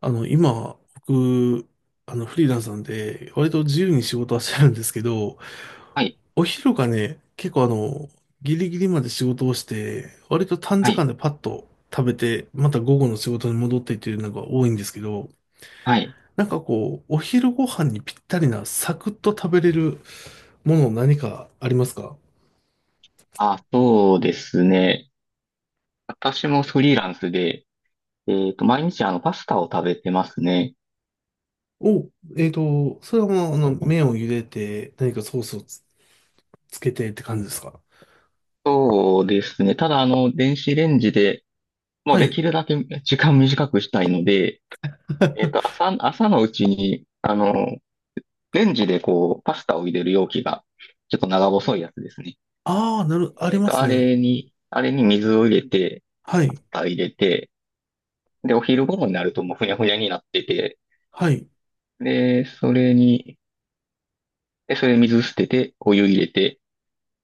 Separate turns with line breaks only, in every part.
今、僕、フリーランスなんで、割と自由に仕事はしてるんですけど、
はい、
お昼がね、結構、ギリギリまで仕事をして、割と短
は
時間
い、
でパッと食べて、また午後の仕事に戻ってっていうのが多いんですけど、
はい。
なんかこう、お昼ご飯にぴったりなサクッと食べれるもの何かありますか？
あ、そうですね。私もフリーランスで、毎日パスタを食べてますね。
お、それはもう、麺を茹でて、何かソースを、つけてって感じですか？
そうですね。ただ電子レンジで、もう
は
で
い。
きるだけ時間短くしたいので、朝のうちに、レンジでこう、パスタを入れる容器が、ちょっと長細いやつですね。
ああ、あり
えっ
ま
と、
す
あ
ね。
れに、あれに水を入れて、
は
パ
い。
スタ入れて、で、お昼頃になるともうふにゃふにゃになってて、
はい。
で、それに、で、それ水捨てて、お湯入れて、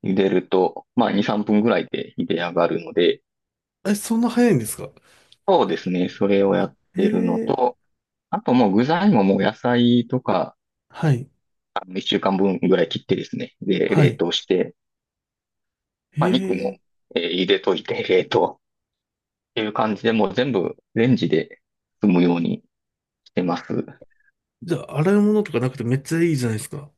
茹でると、まあ、2、3分ぐらいで茹で上がるので、
え、そんな早いんですか？
そうですね、それをやってるの
ええ。
と、あともう具材ももう野菜とか、
はい。
1週間分ぐらい切ってですね、で、
は
冷
い。
凍して、まあ、肉も、
ええ。
茹でといて、冷凍っていう感じで、もう全部レンジで済むようにしてます。
じゃあ、洗い物とかなくてめっちゃいいじゃないですか。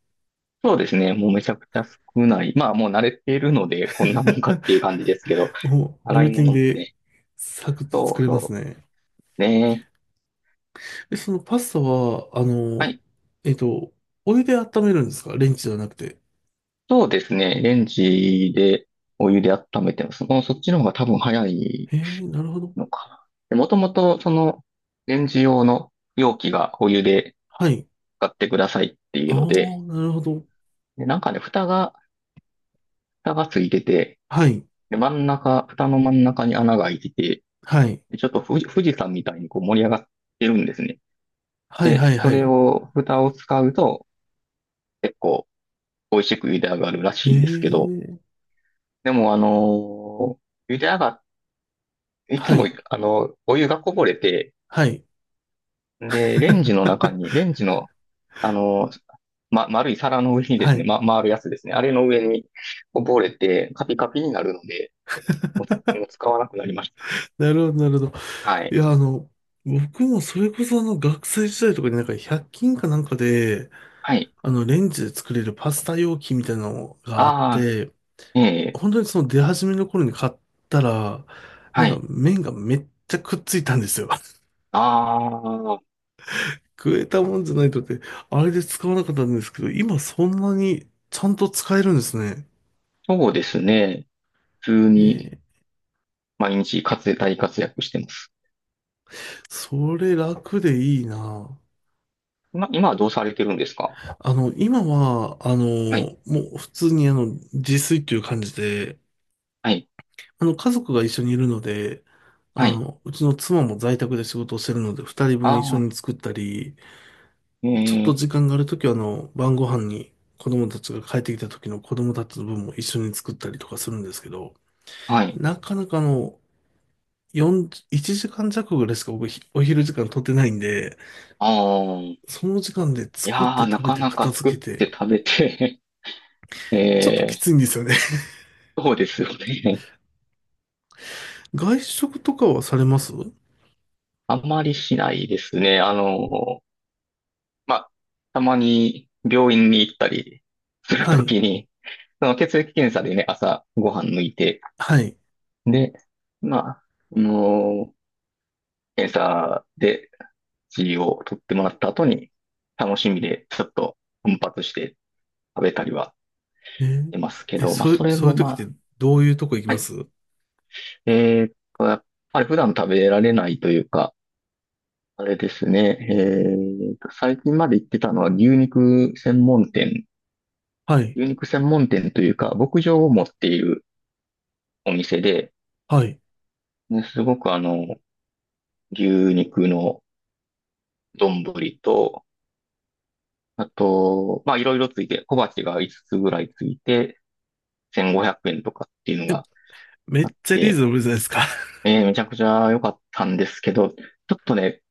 そうですね、もうめちゃくちゃ少ない。まあ、もう慣れているので、こんなもんかっ ていう感じですけど、
もう、
洗
ル
い
ーティン
物も
で、
ね、
サクッと
そ
作
う
れます
そ
ね。
う、ね。
え、そのパスタは、
はい、
えっと、お湯で温めるんですか？レンチじゃなくて。
そうですね。レンジでお湯で温めてます。もうそっちの方が多分早い
ええ、なるほど。
のかな。で、もともとそのレンジ用の容器がお湯で
はい。
使ってくださいってい
あ
う
あ、
ので、
なるほど。
で、なんかね、蓋がついてて、
はい。
で、真ん中、蓋の真ん中に穴が開いてて、
はい。
で、ちょっと富士山みたいにこう盛り上がってるんですね。
はい、は
で、
い、
そ
は
れ
い。
を、蓋を使うと結構美味しく茹で上がるらしいんですけど、
ええ。
でも茹で上がっいつ
は
も、
い。
お湯がこぼれて、
はい。
で、レ ンジの、あの、ま、丸い皿の上にで
は
すね、
い。
ま、回るやつですね。あれの上にこぼれて、カピカピになるので、もう使わなくなりました。
なるほど、なるほど。
は
い
い。
や、あの、僕もそれこそあの学生時代とかになんか100均かなんかで、
はい。
あのレンジで作れるパスタ容器みたいなのがあっ
ああ、
て、
ええ、
本当にその出始めの頃に買ったら、な
は
んか
い。
麺がめっちゃくっついたんですよ。
ああ、
食えたもんじゃないとって、あれで使わなかったんですけど、今そんなにちゃんと使えるんですね。
そうですね。普通に
えー、
毎日活躍、大活躍してます。
それ楽でいいな。
今はどうされてるんですか？
今は、
はい。
もう普通に自炊っていう感じで、
はい。
家族が一緒にいるので、
は
あ
い。
の、うちの妻も在宅で仕事をしてるので、二人分一
あ
緒
あ、
に作ったり、
え
ちょっと
え、
時間があるときは、あの、晩ご飯に子供たちが帰ってきた時の子供たちの分も一緒に作ったりとかするんですけど、
はい。
なかなかあの、4、1時間弱ぐらいしか僕ひお昼時間取ってないんで、
ああ。
その時間で
いや
作って
ー、な
食べ
か
て
な
片
か作っ
付けて、
て食べて
ちょっとき
え
ついんですよね。
そうですよね。
外食とかはされます
あんまりしないですね。まあ、たまに病院に行ったりする
は
と
い。
きに、その血液検査でね、朝ご飯抜いて、
はい。
で、まあ、あの、検査で血を取ってもらった後に、楽しみでちょっと奮発して食べたりは
え
し
ー。
てますけ
え、
ど、まあ、それ
そういう
もま
時って
あ、
どういうとこ行き
は
ま
い。
す
えーっやっぱり普段食べられないというか、あれですね。最近まで行ってたのは牛肉専門店。
はい。
牛肉専門店というか、牧場を持っているお店で、
はい。
ねすごく牛肉の丼と、あと、まあいろいろついて、小鉢が5つつぐらいついて、1500円とかっていうの
え、
が
め
あ
っ
っ
ちゃリー
て、
ズムじゃないですか。
めちゃくちゃ良かったんですけど、ちょっとね、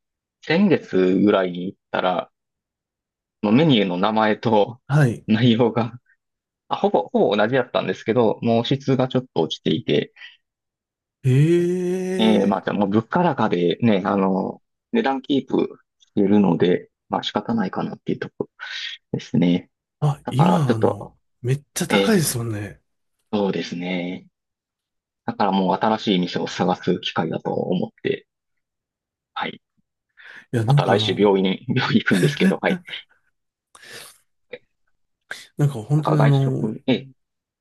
先月ぐらいに行ったら、のメニューの名前と
はい。
内容がほぼ同じだったんですけど、もう質がちょっと落ちていて、
え
ま
え。
あ、じゃあもう物価高でね、値段キープしてるので、まあ仕方ないかなっていうところですね。
あ、
だから
今、
ちょ
あ
っ
の、
と、
めっちゃ高
え
い
ー、
ですもんね。
そうですね。だからもう新しい店を探す機会だと思って、はい。
いや、
ま
なん
た
かあ
来週
の、
病院に、病院行くんですけど、はい。
なんか本
なん
当
か
にあ
外
の、
食、えー、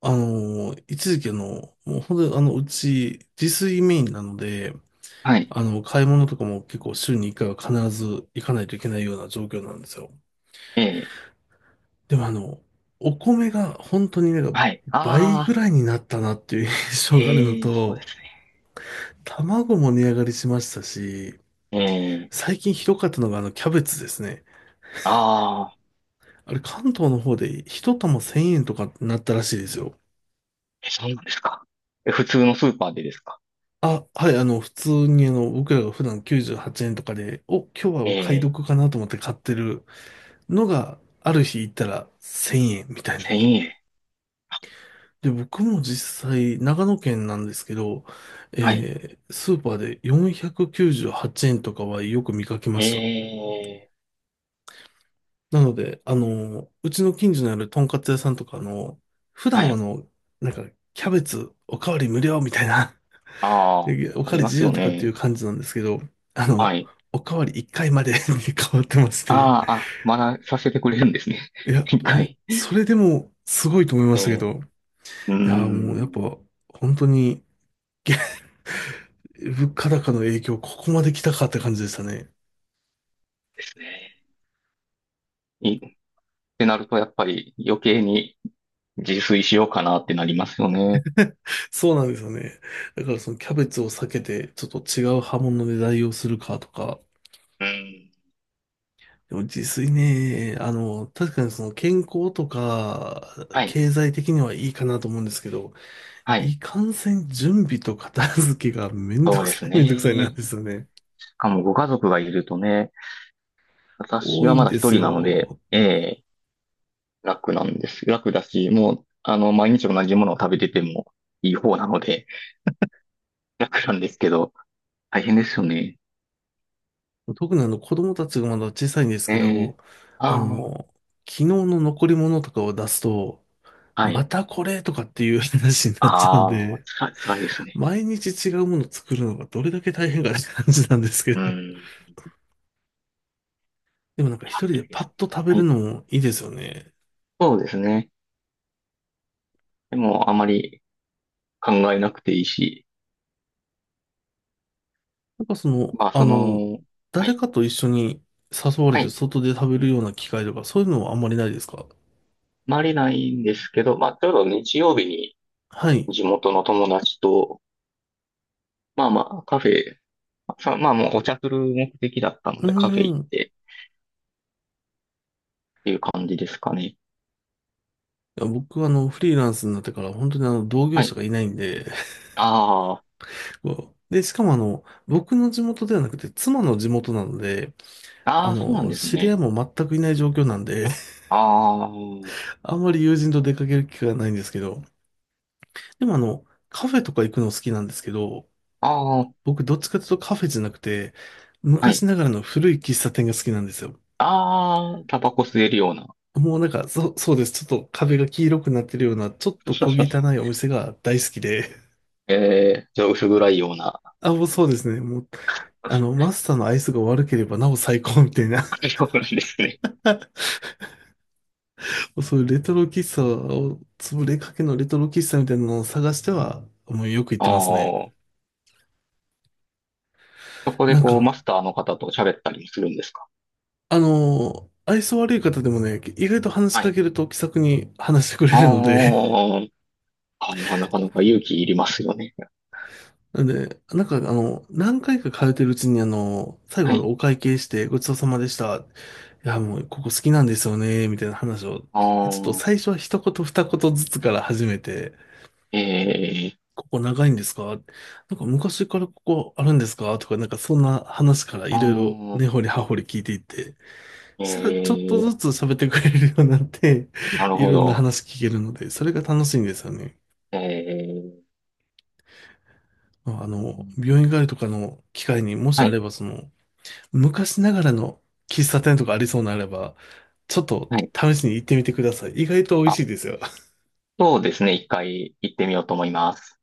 一時期、もう本当にあの、うち、自炊メインなので、
はい、
あの、買い物とかも結構週に1回は必ず行かないといけないような状況なんですよ。
えー、
でもあの、お米が本当になんか
はい、
倍ぐ
あ
らいになったなっていう印
ー、
象があるの
えー、そうで
と、
すね。
卵も値上がりしましたし、
えー、
最近ひどかったのがあのキャベツですね。
あー、
あれ関東の方で一玉1000円とかなったらしいですよ。
え、そうなんですか？え、普通のスーパーでですか？
あ、はい、普通に僕らが普段98円とかで、お、今日は
え
お買い
え、
得かなと思って買ってるのが、ある日行ったら1000円みたいな。
1000円。
で、僕も実際、長野県なんですけど、
はい。
えースーパーで498円とかはよく見かけま
え
した。
え、
なので、あの、うちの近所にあるとんかつ屋さんとか、あの、普段
は
はあ
い。
の、なんか、キャベツおかわり無料みたいな、
ああ、
おか
あ
わ
り
り
ま
自
す
由
よ
とかっていう
ね。
感じなんですけど、あ
は
の、
い。
おかわり1回まで に変わってまし
あ
て、
あ、あ、まださせてくれるんですね。
いや、
一
もう、
回。
それでもすごいと思いま
え
したけ
え、
ど、
うー
いや、もうやっ
ん、
ぱ、本当に、物価高の影響、ここまで来たかって感じでしたね。
ですね。ってなると、やっぱり余計に自炊しようかなってなりますよね。
そうなんですよね。だからそのキャベツを避けて、ちょっと違う刃物で代用するかとか、
うん。
でも自炊ね、あの、確かにその健康とか、
はい。
経済的にはいいかなと思うんですけど、
はい。
いかんせん準備と片付けがめんど
そう
く
です
さい
ね。
めんどくさいなんですよね。
しかもご家族がいるとね、私
多い
はま
ん
だ
で
一
す
人なので、
よ。
ええ楽なんです。楽だし、もう、毎日同じものを食べててもいい方なので、楽なんですけど、大変ですよね。
特にあの子供たちがまだ小さいんです
え
け
ー、
ど、あ
あー、
の、昨日の残り物とかを出すと、
は
ま
い。
たこれとかっていう話になっちゃうん
ああ、
で、
辛い、辛いですね。
毎日違うもの作るのがどれだけ大変かって感じなんですけ
う
ど。
ん。い
でもなんか
や、
一人で
辛いで
パ
す
ッと食べ
ね。
る
はい。
のもいいですよね。
そうですね。でも、あまり考えなくていいし、
なんかその、
まあ、
あ
そ
の、
の、は
誰
い。
かと一緒に誘われ
は
て
い。
外で食べるような機会とか、そういうのはあんまりないですか？
まれないんですけど、まあ、ちょうど日曜日に
はい。
地元の友達と、まあまあ、カフェ、さまあもうお茶する目的だったの
うー
でカフェ行っ
ん。
て、っていう感じですかね。
いや、僕はあの、フリーランスになってから本当にあの、同業
は
者
い。
がいないんで、
あ
こうで、しかもあの、僕の地元ではなくて、妻の地元なので、
あ、あ
あ
あ、そうなん
の、
です
知り合い
ね。
も全くいない状況なんで、
ああ、
あんまり友人と出かける機会がないんですけど、でもあの、カフェとか行くの好きなんですけど、
ああ、
僕どっちかというとカフェじゃなくて、
はい。
昔ながらの古い喫茶店が好きなんですよ。
ああ、タバコ吸えるような。
もうなんか、そうです。ちょっと壁が黄色くなってるような、ちょっと小汚い お店が大好きで。
じゃあ薄暗いような。
あ、もうそうですね。もう、あ
そ
の、
う
マスターのアイスが悪ければなお最高みたいな。
なんですね。
そういうレトロ喫茶を、潰れかけのレトロ喫茶みたいなのを探しては、もうよく行ってますね。
ああ、そこで
なん
こう、マ
か、
スターの方と喋ったりもするんですか？
愛想悪い方でもね、意外と話し
は
か
い。
けると気さくに話してくれ
あ
るので、
ーあー、なかなか勇気いりますよね。
なんで、なんか、あの、何回か通ってるうちに、あの、最後、
は
あの
い。
お会計して、ごちそうさまでした。いや、もう、ここ好きなんですよね、みたいな話を、ちょ
あ
っと
あ、
最初は一言二言ずつから始めて、
え
ここ長いんですか？なんか昔からここあるんですかとか、なんかそんな話から
ー、
いろいろ根
あ
掘り葉掘り聞いていって、
ー
そしたらちょっと
え
ず
ー、
つ喋ってくれるようになって、
なる
い
ほ
ろんな
ど。
話聞けるので、それが楽しいんですよね。
えー、
まああの、病院帰りとかの機会にもし
は
あ
い、
れば、その、昔ながらの喫茶店とかありそうならば、ちょっと
はい。
試しに行ってみてください。意外と美味しいですよ。
そうですね。一回行ってみようと思います。